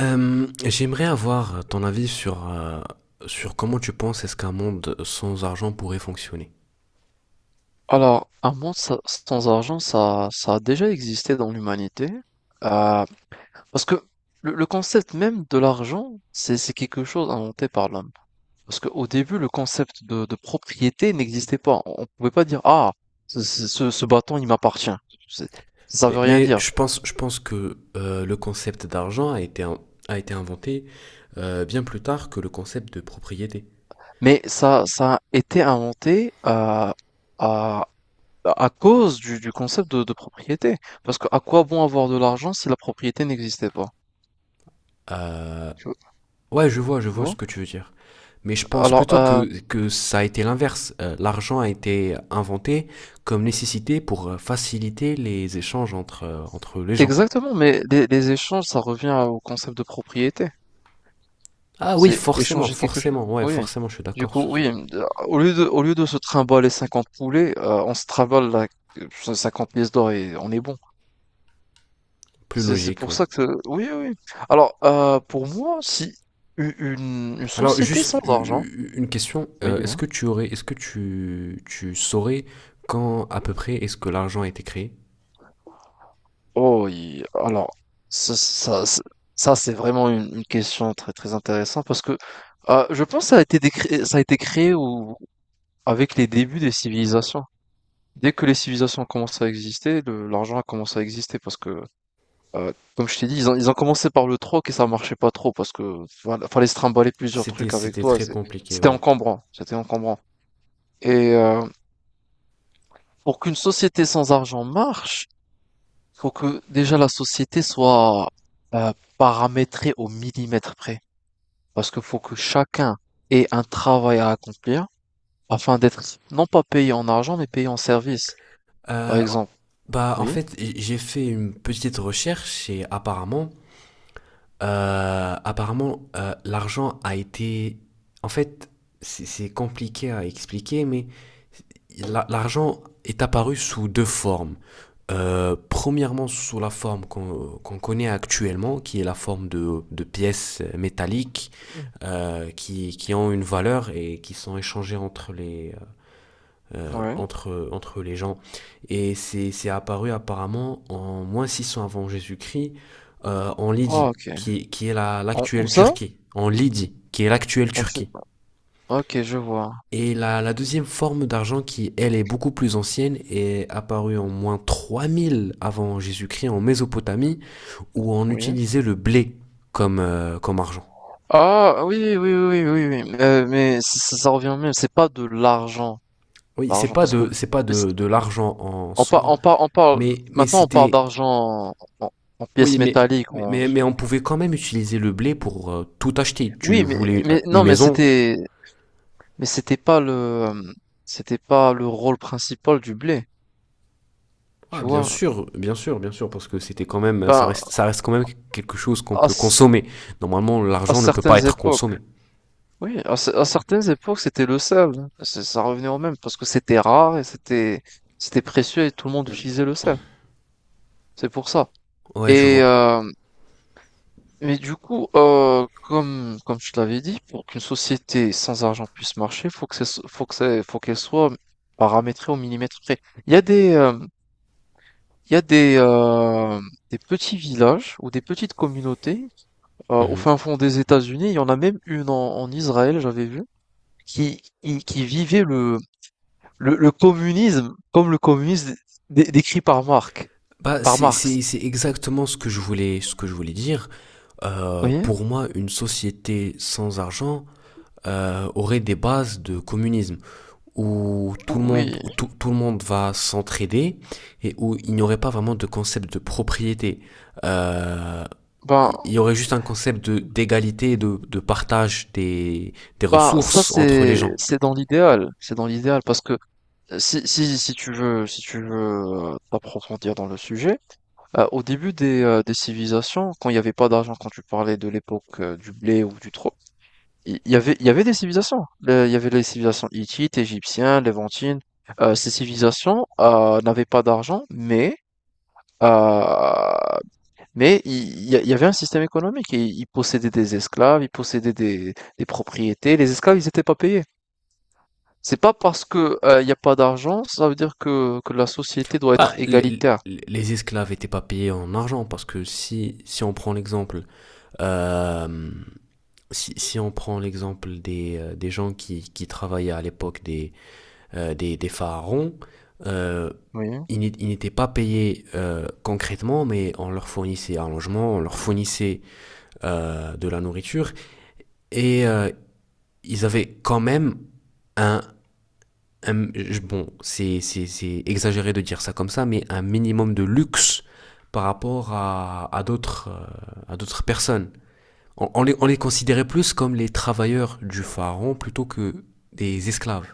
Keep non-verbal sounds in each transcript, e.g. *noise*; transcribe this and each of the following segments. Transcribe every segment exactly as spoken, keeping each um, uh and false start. Euh, j'aimerais avoir ton avis sur, euh, sur comment tu penses est-ce qu'un monde sans argent pourrait fonctionner. Alors, un monde sa- sans argent, ça, ça a déjà existé dans l'humanité. Euh, parce que le, le concept même de l'argent, c'est, c'est quelque chose inventé par l'homme. Parce qu'au début, le concept de, de propriété n'existait pas. On ne pouvait pas dire, ah, ce, ce, ce- ce bâton, il m'appartient. C'est- Ça Mais, veut rien mais dire. je pense, je pense que euh, le concept d'argent a été, in- a été inventé euh, bien plus tard que le concept de propriété. Mais ça, ça a été inventé euh, à, à cause du, du concept de, de propriété. Parce que à quoi bon avoir de l'argent si la propriété n'existait pas? Euh, Tu vois? ouais, je vois, je tu vois ce vois que tu veux dire. Mais je pense alors, plutôt euh, que, que ça a été l'inverse. Euh, l'argent a été inventé comme nécessité pour euh, faciliter les échanges entre, euh, entre les gens. Exactement, mais les les échanges, ça revient au concept de propriété. Ah oui, C'est forcément, échanger quelque chose. forcément, ouais, Oui. forcément, je suis Du d'accord coup, sur ce oui, de- au lieu de, au lieu de se trimballer cinquante poulets, euh, on se trimballe la- euh, cinquante pièces d'or et on est bon. Plus C'est, c'est logique, pour oui. ça que... Oui, oui, oui. Alors, euh, pour moi, si u- une, une Alors, société juste sans argent... une question. Oui, euh, Est-ce dis-moi. que tu aurais, est-ce que tu, tu saurais quand à peu près est-ce que l'argent a été créé? Oh, il- alors, ça, ça, ça- ça, c'est vraiment une, une question très, très intéressante parce que euh, je pense que ça a été décré- ça a été créé au, avec les débuts des civilisations. Dès que les civilisations ont commencé à exister, le- l'argent a commencé à exister parce que, euh, comme je t'ai dit, ils ont, ils ont commencé par le troc et ça marchait pas trop parce que voilà, fallait se trimballer plusieurs C'était, trucs avec c'était toi. très c'est- compliqué, C'était oui. encombrant, c'était encombrant. Et euh, pour qu'une société sans argent marche, faut que déjà la société soit euh, paramétrée au millimètre près parce que faut que chacun ait un travail à accomplir afin d'être non pas payé en argent mais payé en service. Par Euh, exemple, Bah, en oui. fait, j'ai fait une petite recherche et apparemment, euh, apparemment, euh, l'argent a été, en fait, c'est c'est compliqué à expliquer, mais l'argent est apparu sous deux formes. Euh, premièrement, sous la forme qu'on qu'on connaît actuellement, qui est la forme de, de pièces métalliques euh, qui, qui ont une valeur et qui sont échangées entre les, euh, Ouais. entre, entre les gens. Et c'est c'est apparu apparemment en moins six cents avant Jésus-Christ, euh, en Oh, Lydie, ok. qui, qui est la- En- où l'actuelle ça? Turquie. En Lydie, qui est l'actuelle En Tu- Turquie. Ok, je vois. Et la, la deuxième forme d'argent qui, elle, est beaucoup plus ancienne, est apparue en moins trois mille avant Jésus-Christ en Mésopotamie, où on Oui. utilisait le blé comme, euh, comme argent. Ah, oui, oui, oui, oui, oui, oui. Euh, mais ça, ça- ça revient au même. C'est pas de l'argent. Oui, c'est L'argent, pas parce que de, le- c'est pas le- de, de l'argent en on, par- soi, on, par- on parle. mais, mais Maintenant, on parle c'était... d'argent en, en- en Oui, pièces mais, métalliques. mais, on- mais, mais on pouvait quand même utiliser le blé pour euh, tout acheter. Tu Oui, mais, voulais euh, mais une non, mais maison? c'était, mais c'était pas le, euh, c'était pas le rôle principal du blé. Ah, Tu bien vois? sûr, bien sûr, bien sûr, parce que c'était quand même, ça Ben, reste, ça reste quand même quelque chose qu'on à, peut c- consommer. Normalement, à l'argent ne peut pas certaines être époques. consommé. Oui, à, ce- à certaines époques, c'était le sel, hein. C'est- Ça revenait au même parce que c'était rare et c'était c'était précieux et tout le monde utilisait le sel. C'est pour ça. Ouais, je Et vois. euh, mais du coup, euh, comme comme je te l'avais dit, pour qu'une société sans argent puisse marcher, faut que c'est, faut que c'est, faut qu'elle soit paramétrée au millimètre près. Il y a des euh, il y a des euh, des petits villages ou des petites communautés euh, au Mhm. fin fond des États-Unis. Il y en a même une en en Israël, j'avais vu qui, qui, qui vivait le, le, le communisme, comme le communisme dé- décrit par Marx, Bah, par c'est Marx, c'est- c'est exactement ce que je voulais, ce que je voulais dire. vous Euh, voyez? Pour moi, une société sans argent euh, aurait des bases de communisme, où tout le monde, Oui, où tout, tout le monde va s'entraider et où il n'y aurait pas vraiment de concept de propriété. Euh, ben, il il y aurait juste un concept de d'égalité et de, de partage des, des ben, ça ressources entre les c'est gens. c'est dans l'idéal, c'est dans l'idéal parce que euh, si si si tu veux si tu veux euh, t'approfondir dans le sujet, euh, au début des euh, des civilisations, quand il n'y avait pas d'argent, quand tu parlais de l'époque euh, du blé ou du trou, il il y avait il y avait des civilisations. Le- il y avait les civilisations hittites, égyptiennes, levantines. Euh, ces civilisations euh, n'avaient pas d'argent, mais euh, Mais il il y, a- il y avait un système économique. Ils ils possédaient des esclaves, ils possédaient des, des propriétés. Les esclaves, ils n'étaient pas payés. C'est pas parce que, euh, il n'y a pas d'argent, ça veut dire que, que la société doit être Bah, les, égalitaire. les esclaves n'étaient pas payés en argent parce que si, si on prend l'exemple euh, si, si on prend l'exemple des, euh, des gens qui, qui travaillaient à l'époque des, euh, des, des pharaons, euh, Oui. ils n'é- ils n'étaient pas payés euh, concrètement, mais on leur fournissait un logement, on leur fournissait euh, de la nourriture, et euh, ils avaient quand même un, un- bon, c'est c'est- c'est exagéré de dire ça comme ça, mais un minimum de luxe par rapport à, à d'autres euh, à d'autres personnes. On, on les, on les considérait plus comme les travailleurs du pharaon plutôt que des esclaves.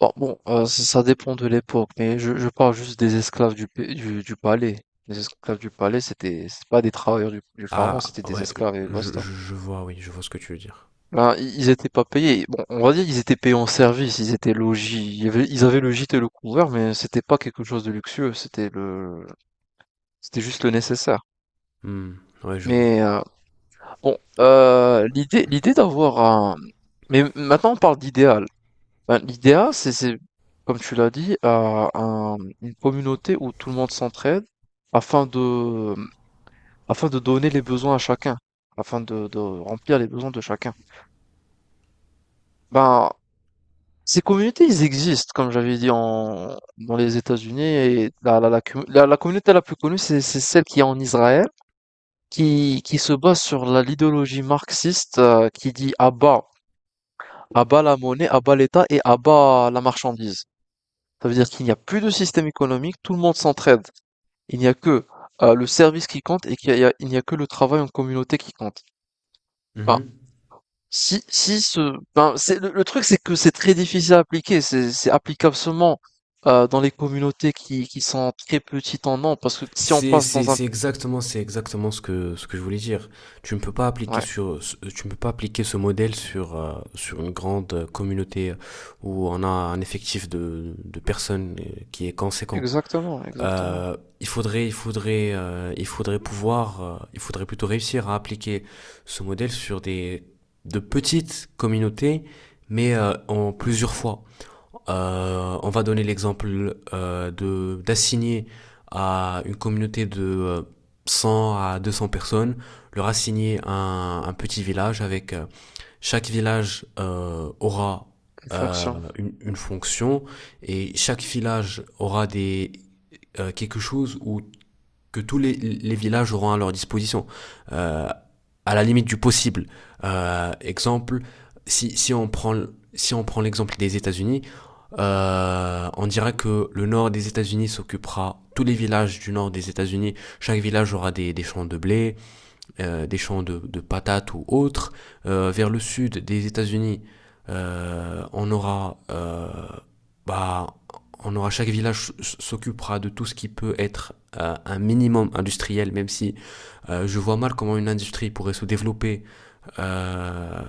Bon, bon, euh, ça ça dépend de l'époque, mais je, je parle juste des esclaves du, pa- du, du palais. Les esclaves du palais, c'était c'est pas des travailleurs du, du pharaon, Ah c'était des ouais, esclaves et je, je, basta. je vois, oui, je vois ce que tu veux dire. Ben, i- ils étaient pas payés. Bon, on va dire ils étaient payés en service, ils étaient logis, il y avait- ils avaient le gîte et le couvert, mais c'était pas quelque chose de luxueux, c'était le, c'était juste le nécessaire. Hmm, ouais, je vois. Mais euh, bon, euh, l'idée, l'idée d'avoir un, mais maintenant on parle d'idéal. Ben, l'idéal, c'est, c'est, comme tu l'as dit, à un- une communauté où tout le monde s'entraide afin de, afin de donner les besoins à chacun, afin de, de remplir les besoins de chacun. Ben, ces communautés, ils existent, comme j'avais dit, en, dans les États-Unis. Et la, la, la, commu- la- la communauté la plus connue, c'est, c'est celle qui est en Israël, qui, qui se base sur la- l'idéologie marxiste, euh, qui dit à bas, à bas la monnaie, à bas l'État et à bas la marchandise. Ça veut dire qu'il n'y a plus de système économique, tout le monde s'entraide. Il n'y a que euh, le service qui compte et qu'il y a, il n'y a que le travail en communauté qui compte. Ben, Mhm. si, si ce, ben, c'est, le, le truc, c'est que c'est très difficile à appliquer. C'est, c'est applicable seulement euh, dans les communautés qui, qui sont très petites en nombre, parce que si on C'est, passe c'est, dans un... c'est exactement, C'est exactement ce que, ce que je voulais dire. Tu ne peux pas appliquer Ouais, sur, ce- Tu ne peux pas appliquer ce modèle sur, euh, sur une grande euh, communauté euh, où on a un effectif de, de personnes euh, qui est conséquent. exactement, exactement. Euh, il faudrait, il faudrait, euh, il faudrait pouvoir, euh, il faudrait plutôt réussir à appliquer ce modèle sur des, de petites communautés, mais euh, en plusieurs fois. Euh, on va donner l'exemple euh, de d'assigner à une communauté de euh, cent à deux cents personnes, leur assigner un, un petit village avec euh, chaque village euh, aura Une euh, fonction, une, une fonction et chaque village aura des euh, quelque chose où que tous les, les villages auront à leur disposition, euh, à la limite du possible. Euh, exemple, si, si on prend, si on prend l'exemple des États-Unis, euh, on dira que le nord des États-Unis s'occupera tous les villages du nord des États-Unis. Chaque village aura des, des champs de blé, euh, des champs de, de patates ou autres. Euh, vers le sud des États-Unis, euh, on aura, euh, bah, on aura chaque village s'occupera de tout ce qui peut être euh, un minimum industriel, même si euh, je vois mal comment une industrie pourrait se développer euh,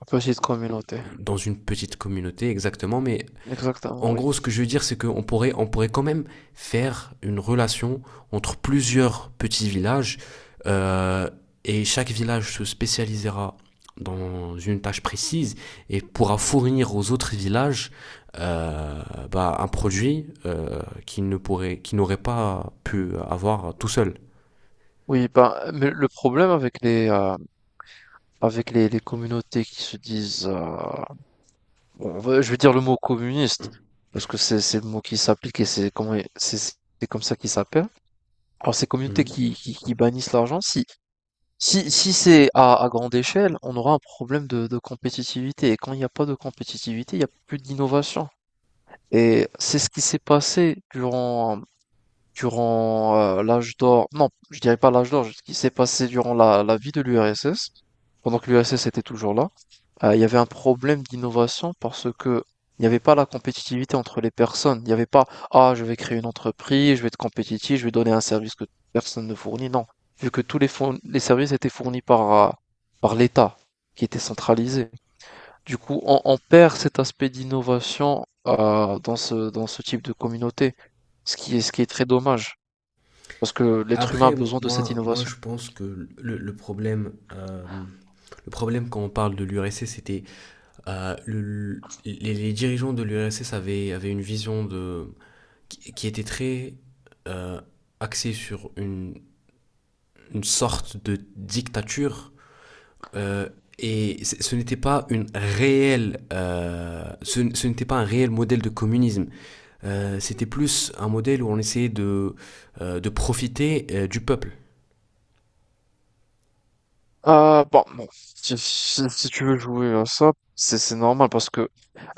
une petite communauté. dans une petite communauté exactement, mais Exactement, en oui. gros, ce que je veux dire, c'est qu'on pourrait, on pourrait quand même faire une relation entre plusieurs petits villages euh, et chaque village se spécialisera dans une tâche précise et pourra fournir aux autres villages euh, bah, un produit euh, qu'ils ne pourraient, qu'ils n'auraient pas pu avoir tout seul. Oui, ben, mais le problème avec les, euh, avec les, les communautés qui se disent... euh, on va- je vais dire le mot communiste, parce que c'est c'est le mot qui s'applique et c'est comment c'est c'est comme ça qu'il s'appelle. Alors ces communautés Mhm. qui, qui, qui bannissent l'argent, si si si c'est à, à grande échelle, on aura un problème de, de compétitivité. Et quand il n'y a pas de compétitivité, il n'y a plus d'innovation. Et c'est ce qui s'est passé durant durant euh, l'âge d'or, non, je dirais pas l'âge d'or, ce qui s'est passé durant la, la vie de l'U R S S, pendant que l'U R S S était toujours là, euh, il y avait un problème d'innovation parce que il n'y avait pas la compétitivité entre les personnes. Il n'y avait pas, ah, je vais créer une entreprise, je vais être compétitif, je vais donner un service que personne ne fournit. Non, vu que tous les, fourn- les services étaient fournis par, euh, par l'État, qui était centralisé. Du coup, on, on perd cet aspect d'innovation euh, dans ce, dans ce type de communauté, ce qui est, ce qui est très dommage. Parce que l'être humain a Après, moi, besoin de cette moi, moi, innovation. je pense que le, le problème, euh, le problème quand on parle de l'U R S S, c'était euh, le- les, les dirigeants de l'U R S S avaient, avaient une vision de, qui, qui était très euh, axée sur une, une sorte de dictature. euh, et c- ce n'était pas une réelle, euh, ce, n- ce n'était pas un réel modèle de communisme. Euh, c'était plus un modèle où on essayait de, euh, de profiter euh, du peuple. Ah, bon, bon, si, si- si tu veux jouer à ça, c'est c'est normal parce que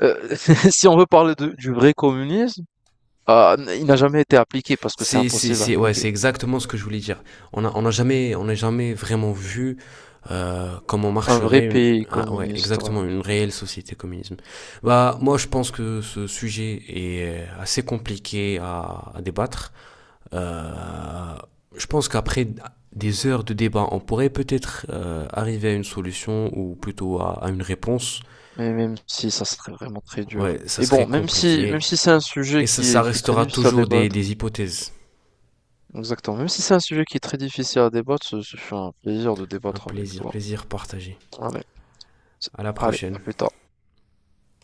euh, *laughs* si on veut parler de- du vrai communisme, ah, n- il n'a jamais été appliqué parce que c'est C'est, c'est, impossible à c'est, ouais, c'est appliquer. exactement ce que je voulais dire. On a, on a jamais, on n'a jamais vraiment vu euh, comment Un vrai marcherait une, pays ah, ouais, communiste, ouais. exactement une réelle société communisme. Bah, moi, je pense que ce sujet est assez compliqué à, à débattre. Euh, je pense qu'après des heures de débat, on pourrait peut-être euh, arriver à une solution ou plutôt à, à une réponse. Mais même si ça serait vraiment très dur. Ouais, ça Et serait bon, même si, compliqué. même si c'est un sujet Et ça, qui est, ça qui est très restera difficile à toujours des, débattre, des hypothèses. exactement, même si c'est un sujet qui est très difficile à débattre, ce, ce fut un plaisir de Un débattre avec plaisir, toi. plaisir partagé. Allez, c'est- À la allez, à prochaine. plus tard.